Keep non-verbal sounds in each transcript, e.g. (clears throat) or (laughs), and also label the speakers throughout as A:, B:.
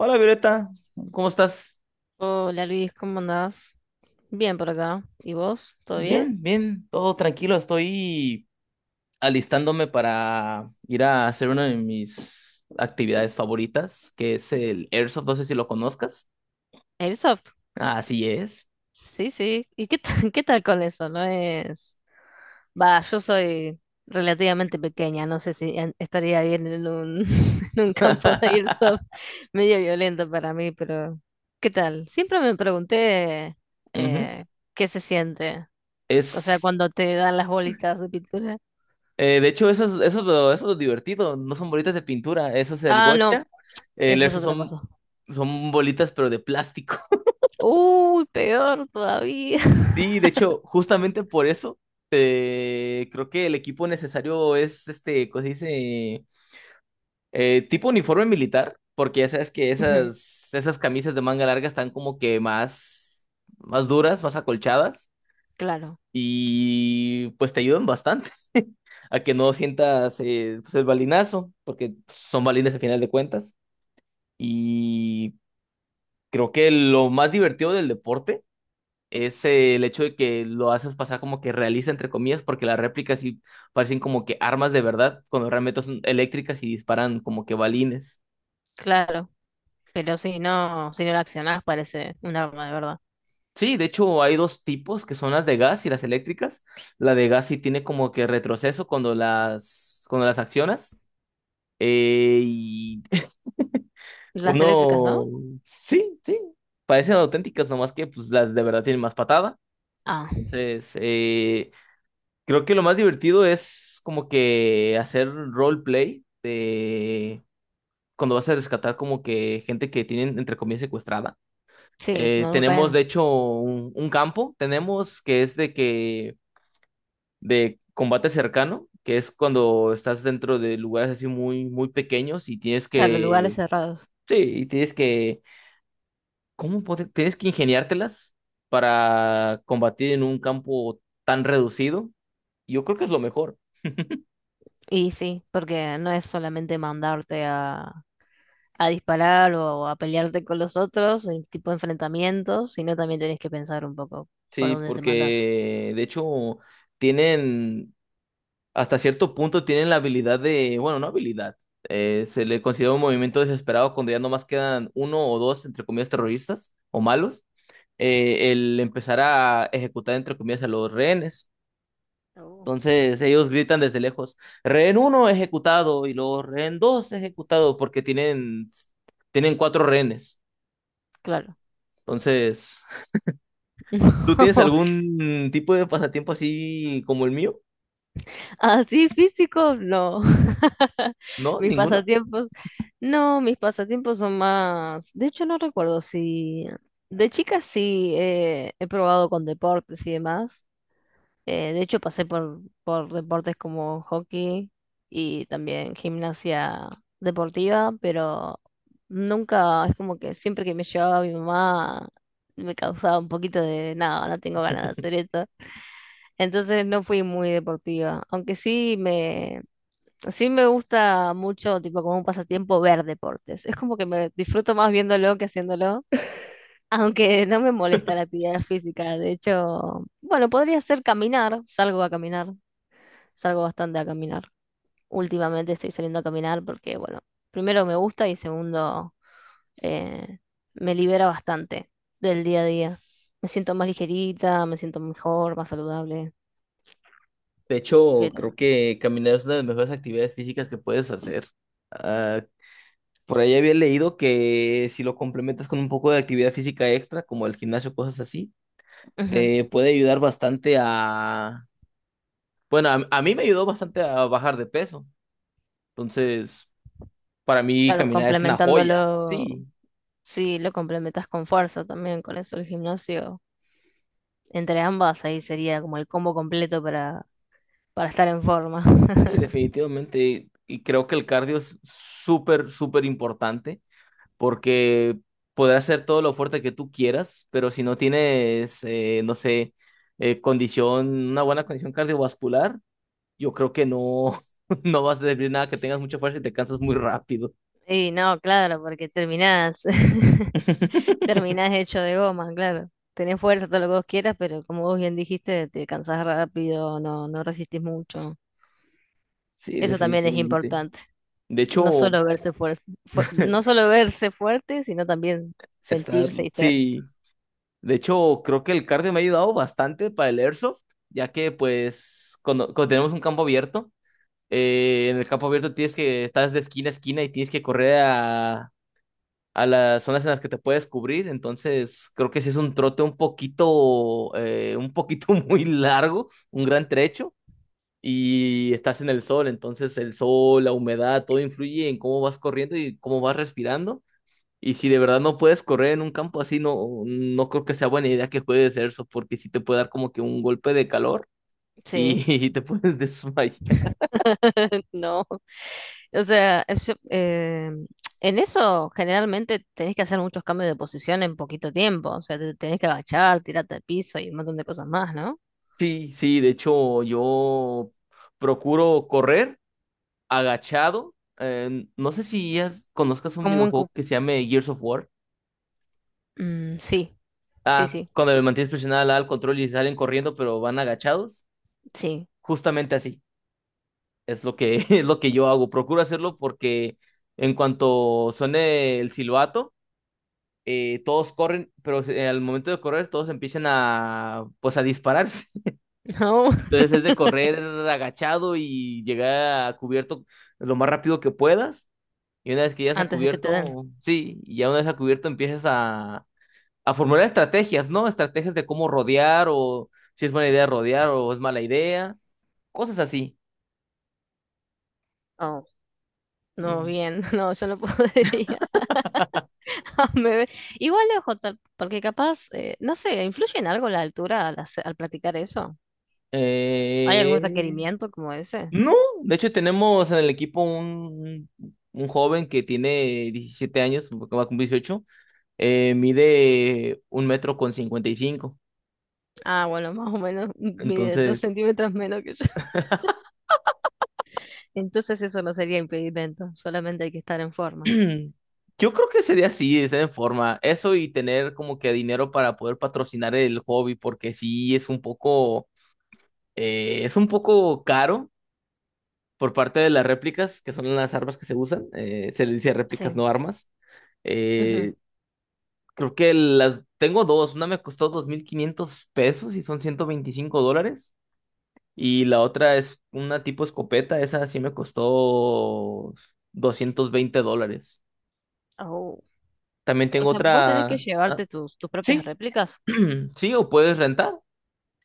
A: Hola Violeta, ¿cómo estás?
B: Hola Luis, ¿cómo andás? Bien por acá. ¿Y vos? ¿Todo bien?
A: Bien, bien, todo tranquilo. Estoy alistándome para ir a hacer una de mis actividades favoritas, que es el Airsoft. No sé si lo conozcas.
B: Airsoft.
A: Así es.
B: Sí, sí. ¿Y qué tal, (laughs) qué tal con eso? No es. Va, yo soy relativamente pequeña, no sé si estaría bien en un, (laughs) en un campo de
A: (laughs)
B: Airsoft medio violento para mí, pero ¿qué tal? Siempre me pregunté
A: Ujú.
B: eh, qué se siente, o sea,
A: Es,
B: cuando te dan las bolitas de pintura.
A: de hecho, eso es lo divertido. No son bolitas de pintura, eso es el
B: Ah, no,
A: gocha. El
B: eso es
A: Airsoft
B: otra
A: son,
B: cosa.
A: son bolitas, pero de plástico.
B: Uy, peor todavía. (laughs)
A: Sí, de hecho, justamente por eso, creo que el equipo necesario es este, ¿cómo se dice? Tipo uniforme militar, porque ya sabes que
B: Ujú,
A: esas camisas de manga larga están como que más, más duras, más acolchadas,
B: claro,
A: y pues te ayudan bastante (laughs) a que no sientas pues, el balinazo, porque son balines al final de cuentas. Y creo que lo más divertido del deporte es el hecho de que lo haces pasar como que realista, entre comillas, porque las réplicas sí parecen como que armas de verdad, cuando realmente son eléctricas y disparan como que balines.
B: claro. Pero si no la accionás parece un arma de verdad.
A: Sí, de hecho hay dos tipos que son las de gas y las eléctricas. La de gas sí tiene como que retroceso cuando las accionas. Y (laughs)
B: Las eléctricas,
A: uno,
B: ¿no?
A: sí, sí, parecen auténticas, nomás que pues las de verdad tienen más patada.
B: Ah,
A: Entonces, creo que lo más divertido es como que hacer roleplay de cuando vas a rescatar como que gente que tienen entre comillas secuestrada.
B: sí, no un
A: Tenemos de
B: rehén.
A: hecho un campo, tenemos que es de que de combate cercano, que es cuando estás dentro de lugares así muy muy pequeños y tienes
B: Claro,
A: que
B: lugares cerrados.
A: sí, y tienes que tienes que ingeniártelas para combatir en un campo tan reducido. Yo creo que es lo mejor.
B: Y sí, porque no es solamente mandarte a, disparar o a pelearte con los otros, el tipo de enfrentamientos, sino también tenés que pensar un poco por
A: Sí,
B: dónde te mandás.
A: porque de hecho tienen, hasta cierto punto tienen la habilidad de, bueno, no habilidad, se le considera un movimiento desesperado cuando ya nomás quedan uno o dos, entre comillas, terroristas o malos, el empezar a ejecutar, entre comillas, a los rehenes.
B: Oh.
A: Entonces ellos gritan desde lejos, rehén uno ejecutado y luego rehén dos ejecutado porque tienen cuatro rehenes.
B: Claro.
A: Entonces, ¿tú tienes
B: (laughs)
A: algún tipo de pasatiempo así como el mío?
B: Así físicos, no. (laughs)
A: ¿No?
B: Mis
A: ¿Ninguno?
B: pasatiempos, no, mis pasatiempos son más. De hecho, no recuerdo si. De chica sí, he probado con deportes y demás. De hecho, pasé por deportes como hockey y también gimnasia deportiva, pero nunca, es como que siempre que me llevaba mi mamá me causaba un poquito de nada, no tengo ganas de hacer esto. Entonces no fui muy deportiva, aunque sí me gusta mucho, tipo, como un pasatiempo, ver deportes. Es como que me disfruto más viéndolo que haciéndolo, (laughs) aunque no me molesta la actividad física. De hecho, bueno, podría ser caminar. Salgo a caminar, salgo bastante a caminar. Últimamente estoy saliendo a caminar porque, bueno, primero me gusta, y segundo, eh, me libera bastante del día a día. Me siento más ligerita, me siento mejor, más saludable.
A: De hecho,
B: Pero,
A: creo que caminar es una de las mejores actividades físicas que puedes hacer. Ah, por ahí había leído que si lo complementas con un poco de actividad física extra, como el gimnasio, cosas así,
B: ujú,
A: te puede ayudar bastante a... Bueno, a mí me ayudó bastante a bajar de peso. Entonces, para mí
B: claro,
A: caminar es una joya.
B: complementándolo.
A: Sí,
B: Sí, lo complementas con fuerza también, con eso el gimnasio. Entre ambas ahí sería como el combo completo para estar en forma.
A: sí,
B: (laughs)
A: definitivamente. Y creo que el cardio es súper, súper importante, porque podrás ser todo lo fuerte que tú quieras, pero si no tienes, no sé, condición, una buena condición cardiovascular, yo creo que no, (laughs) no vas a servir nada que tengas mucha fuerza y te cansas muy rápido.
B: Y no, claro, porque terminás, (laughs)
A: (laughs)
B: terminás hecho de goma, claro. Tenés fuerza, todo lo que vos quieras, pero como vos bien dijiste, te cansás rápido, no resistís mucho.
A: Sí,
B: Eso también es
A: definitivamente.
B: importante.
A: De
B: No
A: hecho,
B: solo verse fuerte, no solo verse fuerte, sino también
A: estar,
B: sentirse y ser.
A: sí, de hecho, creo que el cardio me ha ayudado bastante para el airsoft, ya que pues cuando tenemos un campo abierto, en el campo abierto tienes que, estás de esquina a esquina y tienes que correr a las zonas en las que te puedes cubrir, entonces creo que sí es un trote un poquito (laughs) muy largo, un gran trecho, y estás en el sol, entonces el sol, la humedad, todo influye en cómo vas corriendo y cómo vas respirando, y si de verdad no puedes correr en un campo así, no, no creo que sea buena idea que juegues eso, porque sí te puede dar como que un golpe de calor y,
B: Sí,
A: (laughs) y te puedes desmayar.
B: (laughs) no. O sea, en eso generalmente tenés que hacer muchos cambios de posición en poquito tiempo. O sea, te tenés que agachar, tirarte al piso y un montón de cosas más, ¿no?
A: Sí, sí, de hecho yo procuro correr agachado. No sé si ya conozcas un
B: Como en
A: videojuego que se llame Gears of War.
B: sí, sí,
A: Ah,
B: sí,
A: cuando le mantienes presionada la A al control y salen corriendo, pero van agachados.
B: sí.
A: Justamente así. (laughs) Es lo que yo hago. Procuro hacerlo porque en cuanto suene el silbato, todos corren, pero al momento de correr, todos empiezan a, pues, a dispararse. (laughs)
B: (laughs) No,
A: Entonces es de correr agachado y llegar a cubierto lo más rápido que puedas. Y una vez que ya se ha
B: antes de que te den.
A: cubierto, sí, y ya una vez a cubierto empiezas a formular estrategias, ¿no? Estrategias de cómo rodear o si es buena idea rodear o es mala idea, cosas así.
B: Oh, no,
A: Mm.
B: bien, (laughs) no, yo no podría. (laughs) Me ve- Igual, ojo, porque capaz, no sé, ¿influye en algo la altura al practicar eso? ¿Hay
A: Eh,
B: algún requerimiento como ese?
A: no, de hecho tenemos en el equipo un joven que tiene 17 años, que va a cumplir 18. Mide un metro con 55.
B: Ah, bueno, (laughs) más o menos mide dos
A: Entonces,
B: centímetros menos que yo. Entonces eso no sería impedimento, solamente hay que estar en forma.
A: (clears throat) yo creo que sería así, de esa forma. Eso y tener como que dinero para poder patrocinar el hobby, porque sí es un poco caro por parte de las réplicas, que son las armas que se usan. Se le dice réplicas,
B: Sí.
A: no armas.
B: Ujú.
A: Eh, creo que las tengo dos. Una me costó 2.500 pesos y son 125 dólares. Y la otra es una tipo escopeta. Esa sí me costó 220 dólares.
B: Au.
A: También
B: O
A: tengo
B: sea, vos tenés que
A: otra.
B: llevarte tus propias
A: Sí,
B: réplicas.
A: (clears throat) sí, o puedes rentar,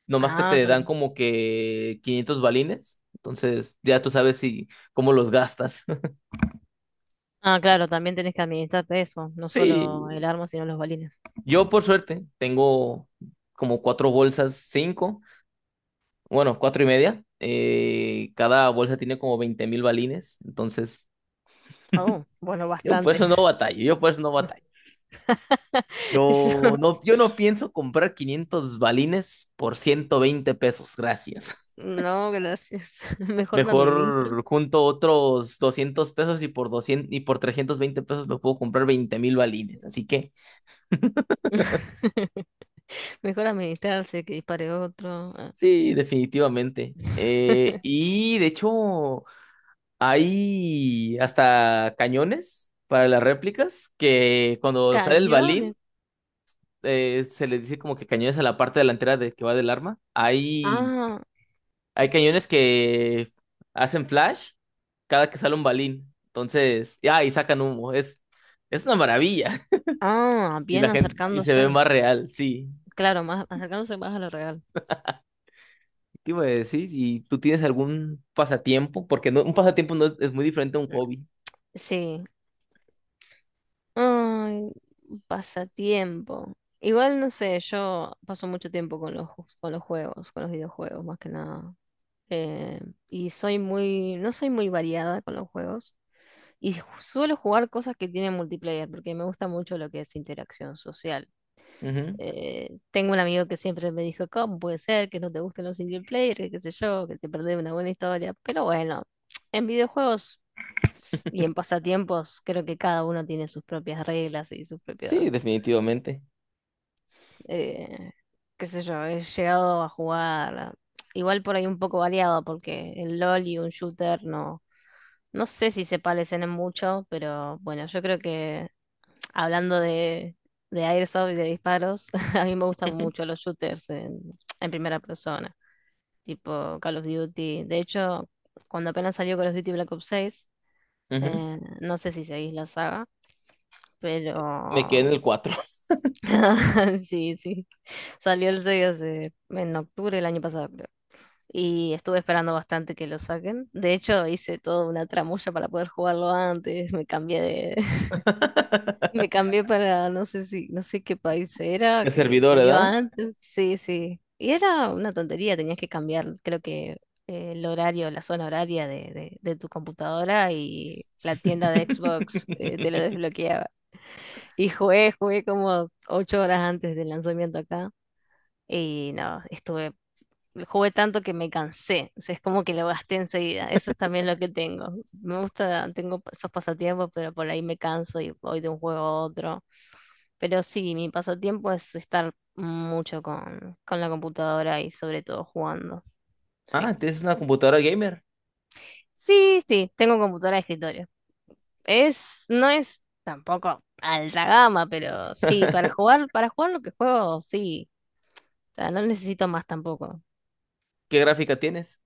A: nomás que
B: Ah,
A: te dan
B: claro.
A: como que 500 balines, entonces ya tú sabes si cómo los gastas. (laughs)
B: Ah, claro, también tenés que administrarte eso, no solo el
A: Sí,
B: arma, sino los balines.
A: yo por suerte tengo como cuatro bolsas, cinco, bueno, cuatro y media. Cada bolsa tiene como 20 mil balines, entonces
B: Oh, bueno,
A: yo por
B: bastante.
A: eso no batallo, yo por eso no batallo.
B: (laughs) Yo,
A: Yo no pienso comprar 500 balines por 120 pesos, gracias.
B: no, gracias. (laughs) Mejor me administro.
A: Mejor junto otros 200 pesos y por 200 y por 320 pesos me puedo comprar 20.000 balines. Así que
B: (laughs) Mejor administrarse que dispare otro. Ah.
A: sí, definitivamente.
B: (laughs)
A: Y de hecho, hay hasta cañones para las réplicas que cuando sale el balín,
B: Cañones.
A: se le dice como que cañones a la parte delantera de que va del arma. Hay,
B: Ah,
A: hay cañones que hacen flash cada que sale un balín. Entonces, ya, y sacan humo. Es una maravilla.
B: ah,
A: Y
B: bien,
A: la gente, y se ve
B: acercándose.
A: más real, sí.
B: Claro, más, acercándose más a lo real.
A: ¿Qué iba a decir? ¿Y tú tienes algún pasatiempo? Porque no, un pasatiempo no es, es muy diferente a un hobby.
B: Sí. Ay, pasatiempo. Igual no sé, yo paso mucho tiempo con los, con los juegos, con los videojuegos más que nada. Eh, y soy muy, no soy muy variada con los juegos. Y suelo jugar cosas que tienen multiplayer, porque me gusta mucho lo que es interacción social.
A: Ujú.
B: Tengo un amigo que siempre me dijo, ¿cómo puede ser que no te gusten los single player, que qué sé yo, que te perdés una buena historia? Pero bueno, (tsk) en videojuegos. Y en pasatiempos creo que cada uno tiene sus propias reglas y sus propios,
A: Sí, definitivamente.
B: eh, qué sé yo, he llegado a jugar igual por ahí un poco variado, porque el LOL y un shooter no, no sé si se parecen en mucho, pero bueno, yo creo que, hablando de, Airsoft y de disparos, (laughs) a mí me gustan mucho los shooters en primera persona, tipo Call of Duty. De hecho, cuando apenas salió Call of Duty Black Ops 6,
A: Ujú.
B: no sé si seguís la saga,
A: Me quedé
B: pero
A: en el cuatro.
B: (laughs) sí, sí. Salió el 6 hace, en octubre del año pasado, creo. Y estuve esperando bastante que lo saquen. De hecho, hice toda una tramulla para poder jugarlo antes. Me cambié de, (laughs) me
A: (laughs)
B: cambié para, no sé si, no sé qué país era,
A: El
B: que
A: servidor,
B: salió
A: ¿verdad?
B: antes. Sí, sí. Y era una tontería, tenías que cambiar, creo que, el horario, la zona horaria de, de tu computadora, y la tienda de Xbox te lo
A: (laughs)
B: desbloqueaba. Y jugué como 8 horas antes del lanzamiento acá. Y no, estuve, jugué tanto que me cansé. O sea, es como que lo gasté enseguida. Eso es también lo que tengo. Me gusta, tengo esos pasatiempos, pero por ahí me canso y voy de un juego a otro. Pero sí, mi pasatiempo es estar mucho con, la computadora, y sobre todo jugando. Sí.
A: Ah, tienes una computadora gamer.
B: Sí, sí, tengo computadora de escritorio. Es, no es tampoco alta gama, pero sí, para jugar lo que juego, sí. O sea, no necesito más tampoco.
A: ¿Qué gráfica tienes?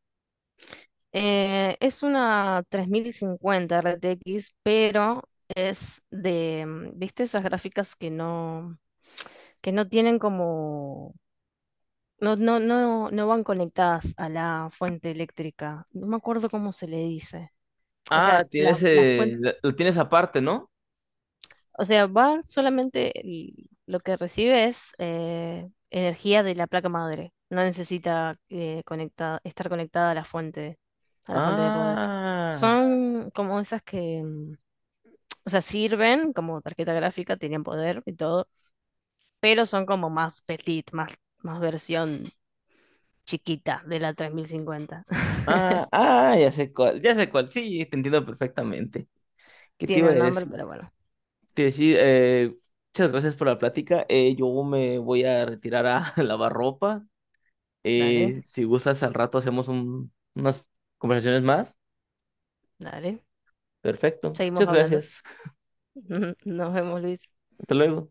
B: Es una 3050 RTX, pero es de, ¿viste esas gráficas que no, tienen como, no van conectadas a la fuente eléctrica? No me acuerdo cómo se le dice. O
A: Ah,
B: sea, la,
A: tienes,
B: la fuente,
A: lo tienes aparte, ¿no?
B: o sea, va solamente, lo que recibe es energía de la placa madre. No necesita estar conectada a la fuente de poder.
A: Ah,
B: Son como esas que, o sea, sirven como tarjeta gráfica, tienen poder y todo, pero son como más petit, más versión chiquita de la 3050.
A: ah, ah, ya sé cuál, ya sé cuál. Sí, te entiendo perfectamente.
B: (laughs)
A: ¿Qué te
B: Tiene
A: iba a
B: un nombre,
A: decir?
B: pero bueno,
A: Te decir, eh, Muchas gracias por la plática. Yo me voy a retirar a (laughs) lavar ropa.
B: dale,
A: Si gustas, al rato hacemos unas conversaciones más.
B: dale.
A: Perfecto.
B: Seguimos
A: Muchas
B: hablando.
A: gracias.
B: (laughs) Nos vemos, Luis.
A: Hasta luego.